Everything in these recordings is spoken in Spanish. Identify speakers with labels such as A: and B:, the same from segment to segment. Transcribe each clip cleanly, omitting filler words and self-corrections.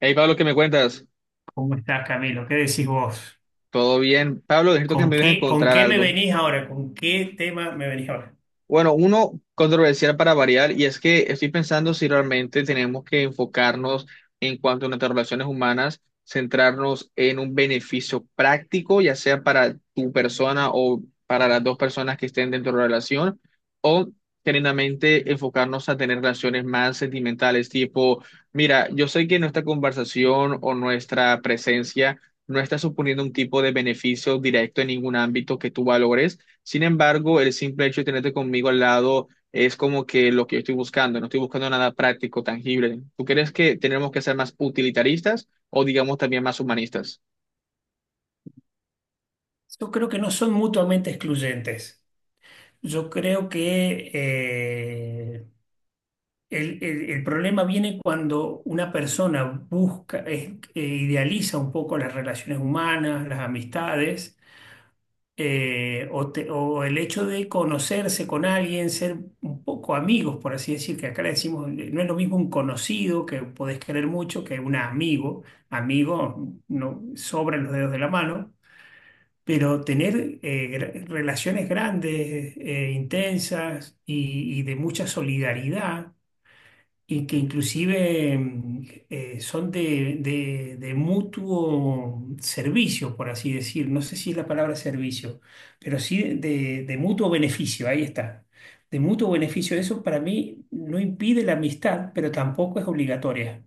A: Hey Pablo, ¿qué me cuentas?
B: ¿Cómo estás, Camilo? ¿Qué decís vos?
A: ¿Todo bien? Pablo, necesito que
B: ¿Con
A: me ayudes a
B: qué, con
A: encontrar
B: qué me
A: algo.
B: venís ahora? ¿Con qué tema me venís ahora?
A: Bueno, uno controversial para variar, y es que estoy pensando si realmente tenemos que enfocarnos en cuanto a nuestras relaciones humanas, centrarnos en un beneficio práctico, ya sea para tu persona o para las dos personas que estén dentro de la relación, o genuinamente enfocarnos a tener relaciones más sentimentales, tipo, mira, yo sé que nuestra conversación o nuestra presencia no está suponiendo un tipo de beneficio directo en ningún ámbito que tú valores, sin embargo, el simple hecho de tenerte conmigo al lado es como que lo que yo estoy buscando, no estoy buscando nada práctico, tangible. ¿Tú crees que tenemos que ser más utilitaristas o digamos también más humanistas?
B: Yo creo que no son mutuamente excluyentes. Yo creo que el problema viene cuando una persona busca, idealiza un poco las relaciones humanas, las amistades. O el hecho de conocerse con alguien, ser un poco amigos, por así decir, que acá le decimos, no es lo mismo un conocido que podés querer mucho que un amigo, amigo, no sobran los dedos de la mano, pero tener relaciones grandes, intensas y de mucha solidaridad y que inclusive son de mutuo servicio, por así decir. No sé si es la palabra servicio, pero sí de mutuo beneficio, ahí está. De mutuo beneficio, eso para mí no impide la amistad, pero tampoco es obligatoria.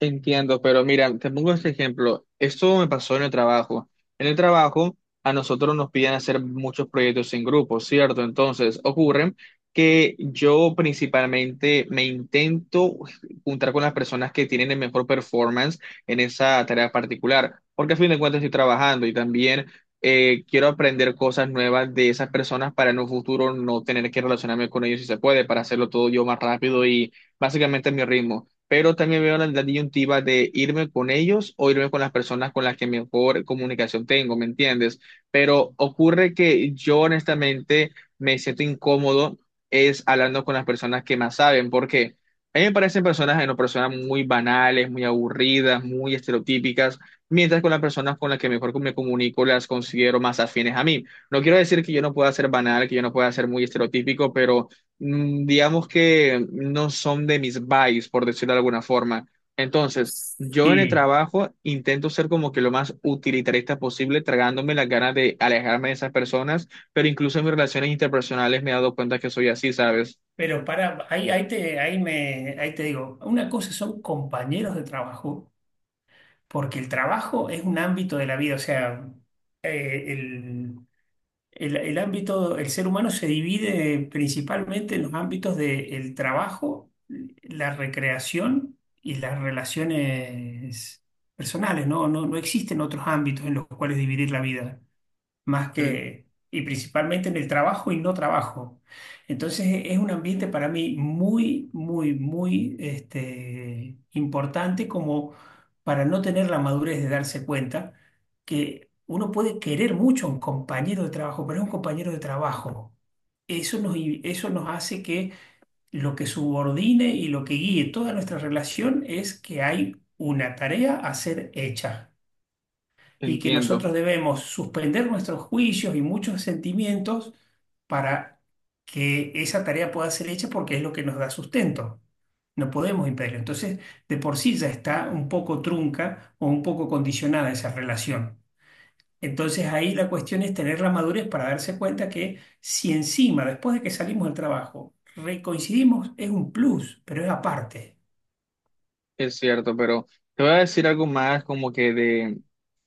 A: Entiendo, pero mira, te pongo este ejemplo. Esto me pasó en el trabajo. En el trabajo, a nosotros nos piden hacer muchos proyectos en grupo, ¿cierto? Entonces, ocurre que yo principalmente me intento juntar con las personas que tienen el mejor performance en esa tarea particular, porque a fin de cuentas estoy trabajando y también quiero aprender cosas nuevas de esas personas para en un futuro no tener que relacionarme con ellos si se puede, para hacerlo todo yo más rápido y básicamente a mi ritmo, pero también veo la disyuntiva de irme con ellos o irme con las personas con las que mejor comunicación tengo, ¿me entiendes? Pero ocurre que yo honestamente me siento incómodo es hablando con las personas que más saben, porque a mí me parecen personas, no, personas muy banales, muy aburridas, muy estereotípicas, mientras con las personas con las que mejor me comunico las considero más afines a mí. No quiero decir que yo no pueda ser banal, que yo no pueda ser muy estereotípico, pero digamos que no son de mis vibes, por decirlo de alguna forma. Entonces, yo en el
B: Sí.
A: trabajo intento ser como que lo más utilitarista posible, tragándome las ganas de alejarme de esas personas, pero incluso en mis relaciones interpersonales me he dado cuenta que soy así, ¿sabes?
B: Pero para, ahí, ahí te, ahí me, ahí te digo, una cosa son compañeros de trabajo, porque el trabajo es un ámbito de la vida, o sea, eh, el ámbito, el ser humano se divide principalmente en los ámbitos del trabajo, la recreación y las relaciones personales, ¿no? No existen otros ámbitos en los cuales dividir la vida más
A: Mm,
B: que, y principalmente en el trabajo y no trabajo. Entonces es un ambiente para mí muy este, importante como para no tener la madurez de darse cuenta que uno puede querer mucho a un compañero de trabajo, pero es un compañero de trabajo. Eso nos hace que lo que subordine y lo que guíe toda nuestra relación es que hay una tarea a ser hecha, y que
A: entiendo.
B: nosotros debemos suspender nuestros juicios y muchos sentimientos para que esa tarea pueda ser hecha porque es lo que nos da sustento. No podemos impedirlo. Entonces, de por sí ya está un poco trunca o un poco condicionada esa relación. Entonces, ahí la cuestión es tener la madurez para darse cuenta que si encima, después de que salimos del trabajo, recoincidimos, es un plus, pero es aparte.
A: Es cierto, pero te voy a decir algo más como que de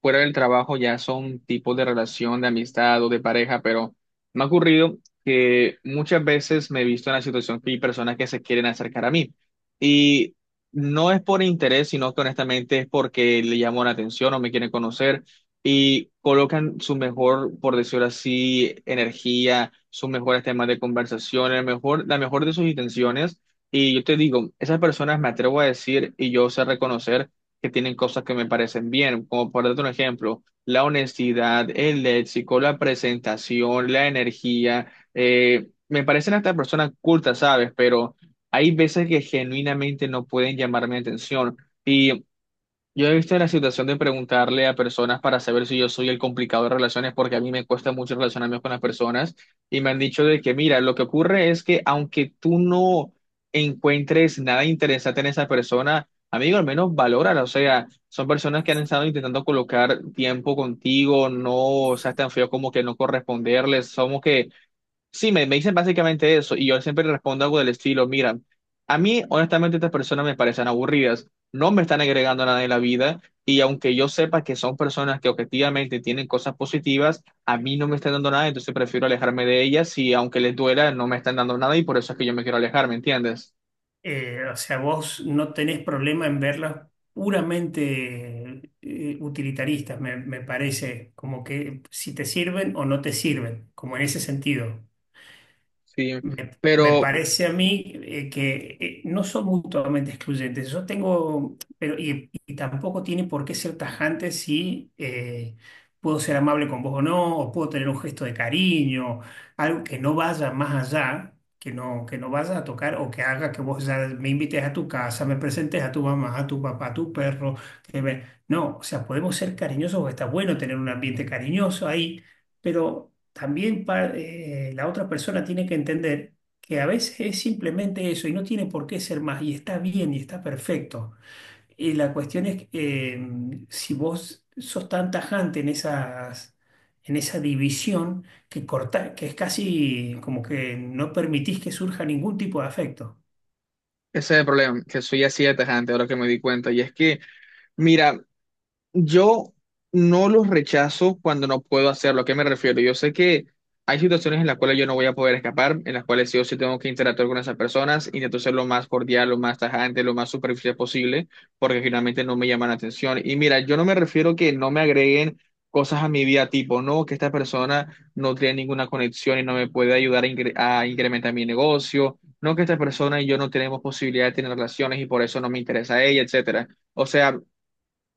A: fuera del trabajo ya son tipos de relación, de amistad o de pareja, pero me ha ocurrido que muchas veces me he visto en la situación que hay personas que se quieren acercar a mí y no es por interés, sino que honestamente es porque le llamo la atención o me quieren conocer y colocan su mejor, por decirlo así, energía, sus mejores temas de conversación, el mejor, la mejor de sus intenciones y yo te digo, esas personas me atrevo a decir y yo sé reconocer que tienen cosas que me parecen bien, como por darte un ejemplo, la honestidad, el léxico, la presentación, la energía. Me parecen hasta personas cultas, ¿sabes? Pero hay veces que genuinamente no pueden llamar mi atención. Yo he visto la situación de preguntarle a personas para saber si yo soy el complicado de relaciones, porque a mí me cuesta mucho relacionarme con las personas y me han dicho de que, mira, lo que ocurre es que aunque tú no encuentres nada interesante en esa persona, amigo, al menos valórala. O sea, son personas que han estado intentando colocar tiempo contigo, no seas tan feo como que no corresponderles. Somos que sí, me dicen básicamente eso y yo siempre respondo algo del estilo, mira, a mí honestamente estas personas me parecen aburridas, no me están agregando nada en la vida y aunque yo sepa que son personas que objetivamente tienen cosas positivas, a mí no me están dando nada, entonces prefiero alejarme de ellas y aunque les duela, no me están dando nada y por eso es que yo me quiero alejar, ¿me entiendes?
B: O sea, vos no tenés problema en verlas puramente utilitaristas, me parece, como que si te sirven o no te sirven, como en ese sentido.
A: Sí,
B: Me, Me
A: pero
B: parece a mí que no son mutuamente excluyentes. Yo tengo, pero y tampoco tiene por qué ser tajante si puedo ser amable con vos o no, o puedo tener un gesto de cariño, algo que no vaya más allá, que no vaya a tocar o que haga que vos ya me invites a tu casa, me presentes a tu mamá, a tu papá, a tu perro. No, o sea, podemos ser cariñosos, está bueno tener un ambiente cariñoso ahí, pero también la otra persona tiene que entender que a veces es simplemente eso y no tiene por qué ser más y está bien y está perfecto. Y la cuestión es si vos sos tan tajante en en esa división que corta, que es casi como que no permitís que surja ningún tipo de afecto.
A: ese es el problema, que soy así de tajante ahora que me di cuenta y es que... Mira, yo no los rechazo cuando no puedo hacerlo. ¿A qué me refiero? Yo sé que hay situaciones en las cuales yo no voy a poder escapar, en las cuales sí o sí tengo que interactuar con esas personas, intento ser lo más cordial, lo más tajante, lo más superficial posible, porque finalmente no me llaman la atención. Y mira, yo no me refiero que no me agreguen cosas a mi vida tipo, no, que esta persona no tiene ninguna conexión y no me puede ayudar a, a incrementar mi negocio, no, que esta persona y yo no tenemos posibilidad de tener relaciones y por eso no me interesa a ella, etcétera. O sea,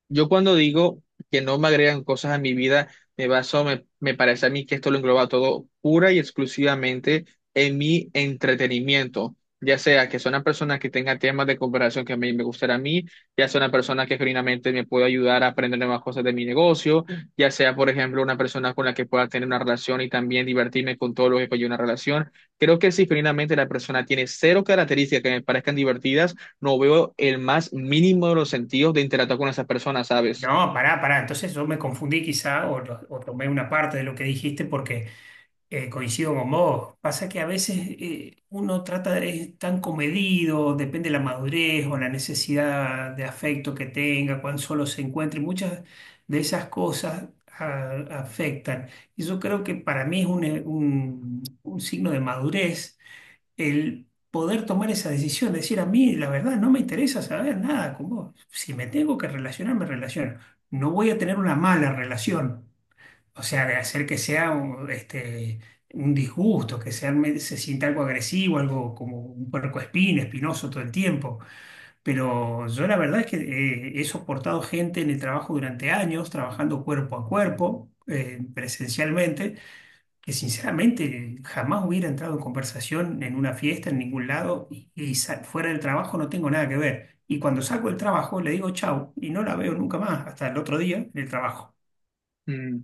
A: yo cuando digo que no me agregan cosas a mi vida, me baso, me parece a mí que esto lo engloba todo pura y exclusivamente en mi entretenimiento. Ya sea que sea una persona que tenga temas de cooperación que me gustará a mí, ya sea una persona que genuinamente me pueda ayudar a aprender nuevas cosas de mi negocio, ya sea, por ejemplo, una persona con la que pueda tener una relación y también divertirme con todo lo que conlleva una relación. Creo que si genuinamente la persona tiene cero características que me parezcan divertidas, no veo el más mínimo de los sentidos de interactuar con esas personas, ¿sabes?
B: No, pará, pará. Entonces yo me confundí quizá, o tomé una parte de lo que dijiste porque... Coincido con vos. Pasa que a veces uno trata de es tan comedido, depende de la madurez o la necesidad de afecto que tenga, cuán solo se encuentre. Muchas de esas cosas afectan. Y yo creo que para mí es un signo de madurez el poder tomar esa decisión, decir a mí, la verdad, no me interesa saber nada con vos. Si me tengo que relacionar, me relaciono. No voy a tener una mala relación, o sea, de hacer que sea este, un disgusto, que sea, se sienta algo agresivo, algo como un puercoespín, espinoso todo el tiempo. Pero yo la verdad es que he soportado gente en el trabajo durante años, trabajando cuerpo a cuerpo, presencialmente, que sinceramente jamás hubiera entrado en conversación en una fiesta, en ningún lado, y fuera del trabajo no tengo nada que ver. Y cuando salgo del trabajo le digo chau y no la veo nunca más hasta el otro día en el trabajo.
A: Mm.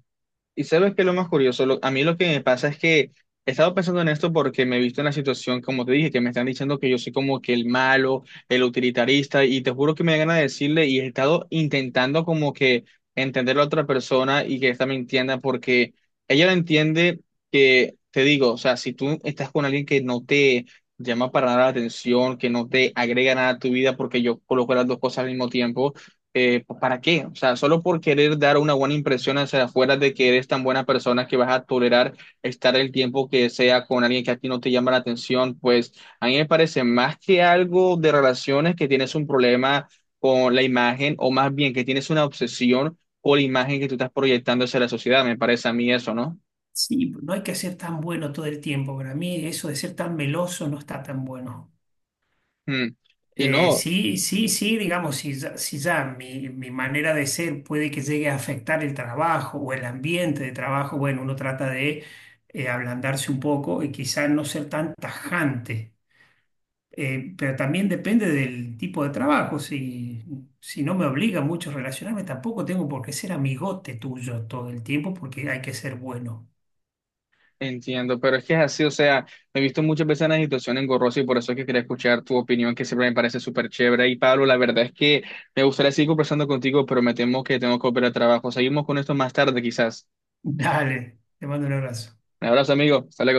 A: Y sabes que lo más curioso, a mí lo que me pasa es que he estado pensando en esto porque me he visto en la situación, como te dije, que me están diciendo que yo soy como que el malo, el utilitarista, y te juro que me da ganas de decirle, y he estado intentando como que entender a la otra persona y que esta me entienda, porque ella lo entiende que, te digo, o sea, si tú estás con alguien que no te llama para nada la atención, que no te agrega nada a tu vida, porque yo coloco las dos cosas al mismo tiempo pues, ¿para qué? O sea, solo por querer dar una buena impresión hacia afuera de que eres tan buena persona que vas a tolerar estar el tiempo que sea con alguien que a ti no te llama la atención, pues a mí me parece más que algo de relaciones que tienes un problema con la imagen o más bien que tienes una obsesión con la imagen que tú estás proyectando hacia la sociedad, me parece a mí eso, ¿no?
B: Sí, pues, no hay que ser tan bueno todo el tiempo. Para mí eso de ser tan meloso no está tan bueno.
A: Mm. Y no.
B: Sí, sí, sí, digamos, si ya mi manera de ser puede que llegue a afectar el trabajo o el ambiente de trabajo, bueno, uno trata de ablandarse un poco y quizás no ser tan tajante. Pero también depende del tipo de trabajo. Si, si no me obliga mucho a relacionarme, tampoco tengo por qué ser amigote tuyo todo el tiempo porque hay que ser bueno.
A: Entiendo, pero es que es así, o sea, me he visto muchas veces en la situación engorrosa y por eso es que quería escuchar tu opinión, que siempre me parece súper chévere. Y Pablo, la verdad es que me gustaría seguir conversando contigo, pero me temo que tengo que volver al trabajo. Seguimos con esto más tarde, quizás.
B: Dale, te mando un abrazo.
A: Un abrazo, amigo. Hasta luego.